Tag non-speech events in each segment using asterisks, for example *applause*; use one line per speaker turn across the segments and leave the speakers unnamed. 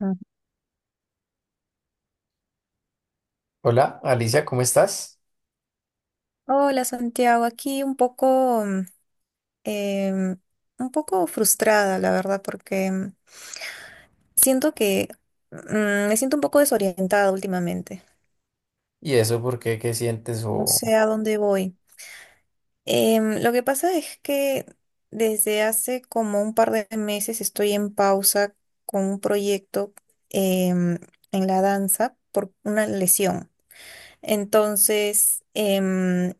Ah.
Hola, Alicia, ¿cómo estás?
Hola Santiago, aquí un poco, em, un poco frustrada, la verdad, porque siento que me siento un poco desorientada últimamente.
¿Y eso por qué? ¿Qué sientes?
No sé a dónde voy. Lo que pasa es que desde hace como un par de meses estoy en pausa con un proyecto em, en la danza por una lesión. Entonces, he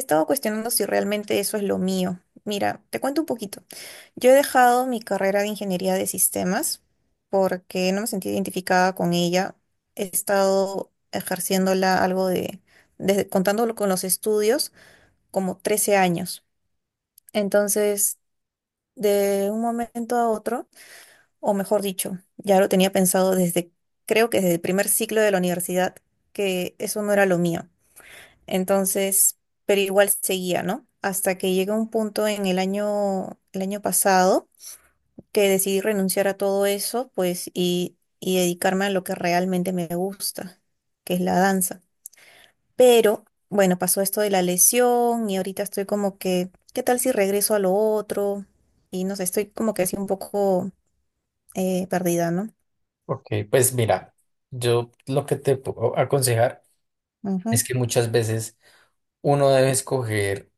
estado cuestionando si realmente eso es lo mío. Mira, te cuento un poquito. Yo he dejado mi carrera de ingeniería de sistemas porque no me sentí identificada con ella. He estado ejerciéndola algo de, desde, contándolo con los estudios, como 13 años. Entonces, de un momento a otro, o mejor dicho, ya lo tenía pensado desde, creo que desde el primer ciclo de la universidad, que eso no era lo mío. Entonces, pero igual seguía, ¿no? Hasta que llega un punto en el año pasado que decidí renunciar a todo eso, pues, y dedicarme a lo que realmente me gusta, que es la danza. Pero, bueno, pasó esto de la lesión y ahorita estoy como que, ¿qué tal si regreso a lo otro? Y no sé, estoy como que así un poco perdida, ¿no?
Ok, pues mira, yo lo que te puedo aconsejar
Ujú,
es que muchas veces uno debe escoger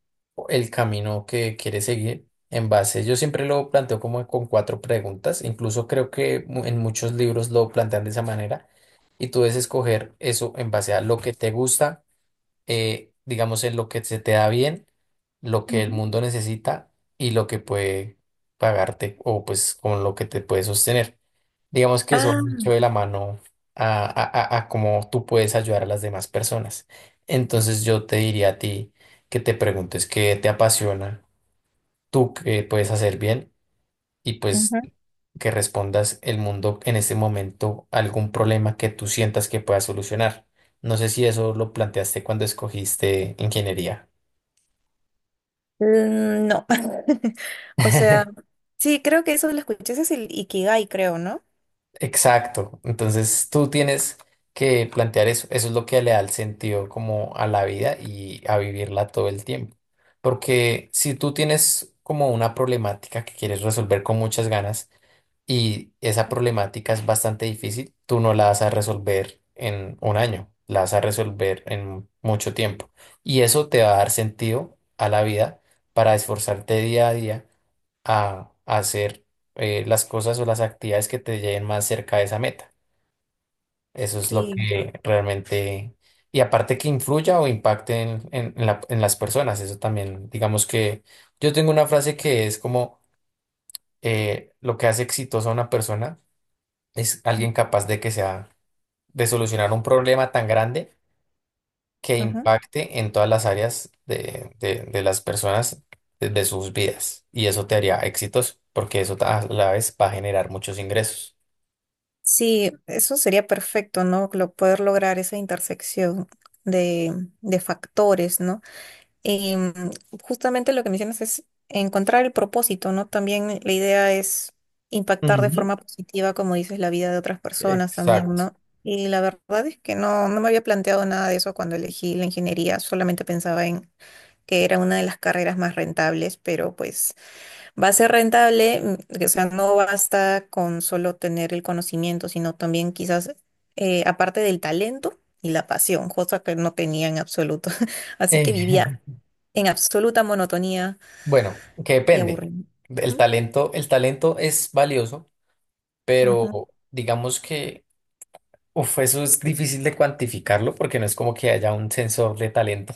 el camino que quiere seguir en base. Yo siempre lo planteo como con cuatro preguntas, incluso creo que en muchos libros lo plantean de esa manera, y tú debes escoger eso en base a lo que te gusta, digamos, en lo que se te da bien, lo que el
ujú.
mundo necesita y lo que puede pagarte o pues con lo que te puede sostener. Digamos que eso va
Ah,
mucho de la mano a, a, a cómo tú puedes ayudar a las demás personas. Entonces yo te diría a ti que te preguntes qué te apasiona, tú qué puedes hacer bien y pues
ujú.
que respondas el mundo en este momento a algún problema que tú sientas que puedas solucionar. No sé si eso lo planteaste cuando escogiste ingeniería.
Mm, no. *laughs* O sea,
*laughs*
sí, creo que eso lo escuché. Ese es el Ikigai, creo, ¿no?
Exacto. Entonces tú tienes que plantear eso. Eso es lo que le da el sentido como a la vida y a vivirla todo el tiempo. Porque si tú tienes como una problemática que quieres resolver con muchas ganas, y esa problemática es bastante difícil. Tú no la vas a resolver en un año, la vas a resolver en mucho tiempo. Y eso te va a dar sentido a la vida para esforzarte día a día a hacer las cosas o las actividades que te lleven más cerca de esa meta. Eso es lo
Sí.
que realmente... Y aparte que influya o impacte en las personas, eso también, digamos que yo tengo una frase que es como, lo que hace exitosa a una persona es
Ujú.
alguien capaz de que sea, de solucionar un problema tan grande que
Ajá.
impacte en todas las áreas de las personas, de sus vidas. Y eso te haría exitoso, porque eso a la vez va a generar muchos ingresos.
Sí, eso sería perfecto, ¿no? Lo- poder lograr esa intersección de, de factores, ¿no? Y justamente lo que mencionas es encontrar el propósito, ¿no? También la idea es impactar de
Ujú.
forma positiva, como dices, la vida de otras personas también,
Exacto.
¿no? Y la verdad es que no, no me había planteado nada de eso cuando elegí la ingeniería, solamente pensaba en que era una de las carreras más rentables, pero pues va a ser rentable, o sea, no basta con solo tener el conocimiento, sino también quizás, aparte del talento y la pasión, cosa que no tenía en absoluto. *laughs* Así que
Eh,
vivía en absoluta monotonía
*laughs* bueno, que
y
depende.
aburrimiento. Ujú,
El talento es valioso, pero
ujú,
digamos que uf, eso es difícil de cuantificarlo porque no es como que haya un sensor de talento.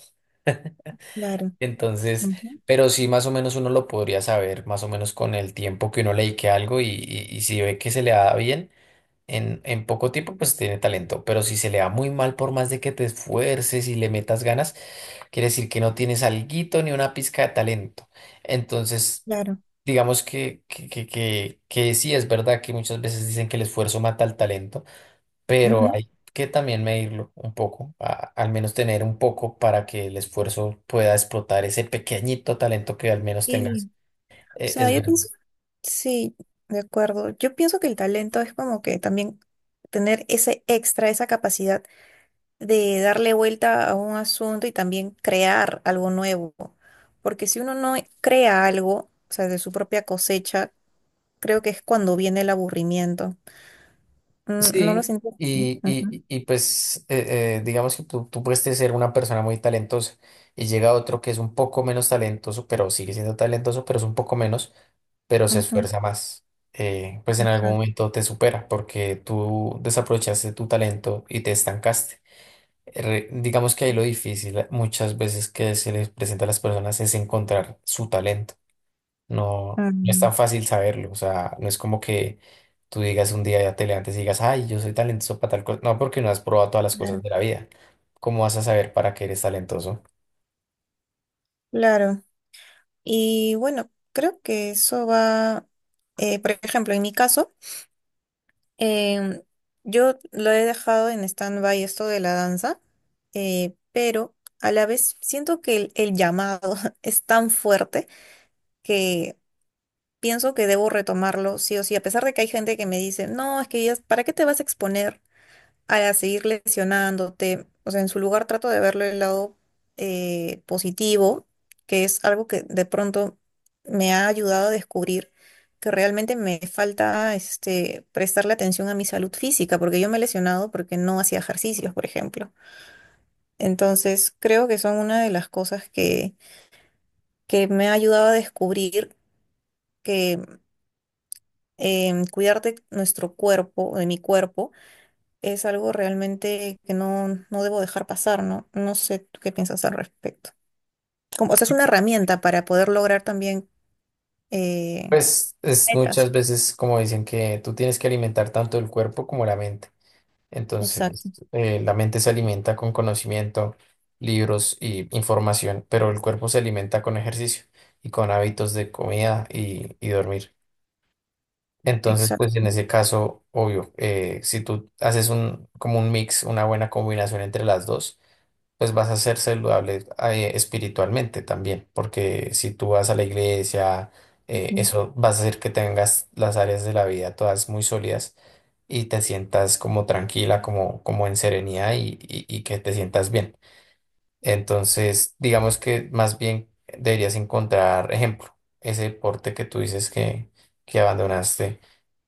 claro,
Entonces,
ujú,
pero sí más o menos uno lo podría saber, más o menos con el tiempo que uno le dedique a algo y si ve que se le da bien en poco tiempo, pues tiene talento. Pero si se le da muy mal por más de que te esfuerces y le metas ganas, quiere decir que no tienes alguito ni una pizca de talento. Entonces,
claro,
digamos que sí es verdad que muchas veces dicen que el esfuerzo mata al talento, pero
ujú.
hay que también medirlo un poco, al menos tener un poco para que el esfuerzo pueda explotar ese pequeñito talento que al menos tengas.
Y, o sea,
Es
yo
verdad.
pienso, sí, de acuerdo. Yo pienso que el talento es como que también tener ese extra, esa capacidad de darle vuelta a un asunto y también crear algo nuevo. Porque si uno no crea algo, o sea, de su propia cosecha, creo que es cuando viene el aburrimiento. Mm, ¿no lo
Sí,
siento así? Ujú,
y pues digamos que tú puedes ser una persona muy talentosa y llega otro que es un poco menos talentoso, pero sigue siendo talentoso, pero es un poco menos, pero se
ujú,
esfuerza más. Pues en algún
exacto.
momento te supera porque tú desaprovechaste tu talento y te estancaste. Digamos que ahí lo difícil muchas veces que se les presenta a las personas es encontrar su talento. No, no es
Mm,
tan fácil saberlo. O sea, no es como que tú digas un día ya te levantes y digas, ay, yo soy talentoso para tal cosa. No, porque no has probado todas las cosas
claro.
de la vida. ¿Cómo vas a saber para qué eres talentoso?
Claro. Y bueno, creo que eso va, por ejemplo, en mi caso, Em, yo lo he dejado en stand-by esto de la danza, pero a la vez siento que el llamado *laughs* es tan fuerte que pienso que debo retomarlo sí o sí, a pesar de que hay gente que me dice, no, es que ya- ¿para qué te vas a exponer a seguir lesionándote? O sea, en su lugar trato de verlo el lado positivo, que es algo que de pronto me ha ayudado a descubrir que realmente me falta este, prestarle atención a mi salud física, porque yo me he lesionado porque no hacía ejercicios, por ejemplo. Entonces, creo que son una de las cosas que me ha ayudado a descubrir que cuidar de nuestro cuerpo, de mi cuerpo, es algo realmente que no, no debo dejar pasar, ¿no? No sé tú qué piensas al respecto. Como, o sea, es una herramienta para poder lograr también eh,
Pues es
metas.
muchas veces como dicen que tú tienes que alimentar tanto el cuerpo como la mente.
Exacto,
Entonces, la mente se alimenta con conocimiento, libros y información, pero el cuerpo se alimenta con ejercicio y con hábitos de comida y dormir. Entonces, pues
exacto.
en ese caso, obvio, si tú haces un, como un mix, una buena combinación entre las dos, pues vas a ser saludable, espiritualmente también, porque si tú vas a la iglesia,
Ujú,
eso vas a hacer que tengas las áreas de la vida todas muy sólidas y te sientas como tranquila, como, como en serenidad y que te sientas bien. Entonces, digamos que más bien deberías encontrar ejemplo, ese deporte que tú dices que abandonaste,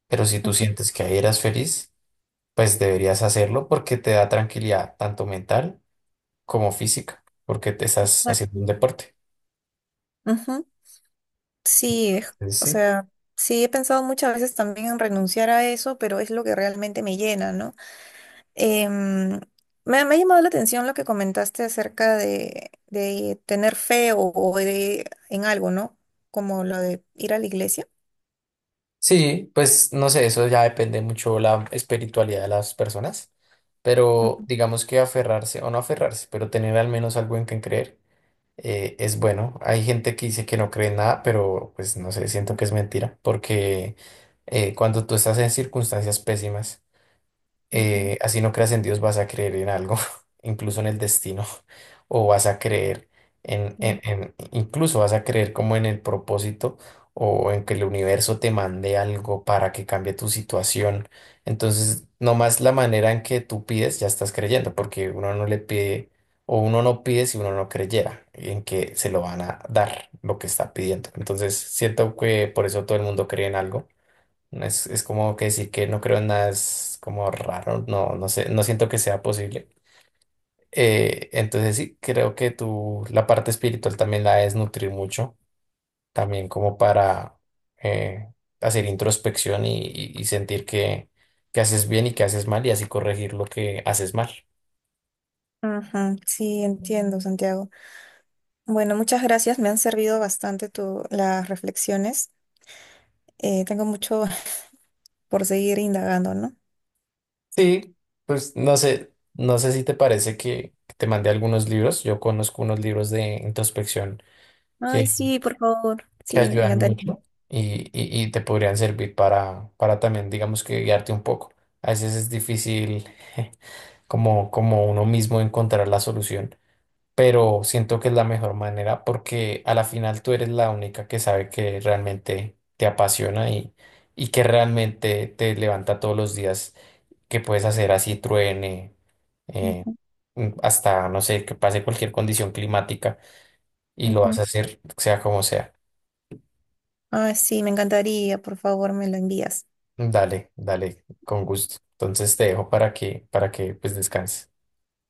pero si tú
ujú.
sientes que ahí eras feliz, pues deberías hacerlo porque te da tranquilidad tanto mental, como física, porque te estás
Exacto.
haciendo un deporte.
Ujú. Sí, es-
Entonces,
o
sí.
sea, sí he pensado muchas veces también en renunciar a eso, pero es lo que realmente me llena, ¿no? Em, me ha llamado la atención lo que comentaste acerca de tener fe o de, en algo, ¿no? Como lo de ir a la iglesia.
Sí, pues no sé, eso ya depende mucho la espiritualidad de las personas, pero digamos que aferrarse o no aferrarse, pero tener al menos algo en que creer, es bueno. Hay gente que dice que no cree en nada, pero pues no sé, siento que es mentira, porque cuando tú estás en circunstancias pésimas,
Ujú,
así no creas en Dios, vas a creer en algo, *laughs* incluso en el destino, *laughs* o vas a creer
sí.
incluso vas a creer como en el propósito o en que el universo te mande algo para que cambie tu situación. Entonces, nomás la manera en que tú pides, ya estás creyendo, porque uno no le pide o uno no pide si uno no creyera en que se lo van a dar lo que está pidiendo. Entonces, siento que por eso todo el mundo cree en algo. Es como que decir que no creo en nada, es como raro, no, no sé, no siento que sea posible. Entonces sí, creo que tú la parte espiritual también la debes nutrir mucho, también como para eh, hacer introspección y sentir que haces bien y que haces mal y así corregir lo que haces mal.
Ajá, sí, entiendo, Santiago. Bueno, muchas gracias. Me han servido bastante tu, las reflexiones. Tengo mucho *laughs* por seguir indagando, ¿no?
Sí, pues no sé, no sé si te parece que te mandé algunos libros, yo conozco unos libros de introspección
Ay, sí, por favor.
que
Sí, me
ayudan
encantaría.
mucho y te podrían servir para también, digamos que guiarte un poco. A veces es difícil *laughs* como, como uno mismo encontrar la solución, pero siento que es la mejor manera porque a la final tú eres la única que sabe que realmente te apasiona y que realmente te levanta todos los días, que puedes hacer así truene, eh,
Ujú,
hasta, no sé, que pase cualquier condición climática y lo vas
ujú.
a hacer sea como sea.
Ay sí, me encantaría. Por favor, me lo envías.
Dale, dale, con gusto. Entonces te dejo para que pues descanses.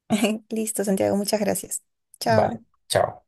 *laughs* Listo, Santiago, muchas gracias. Chao.
Vale, chao.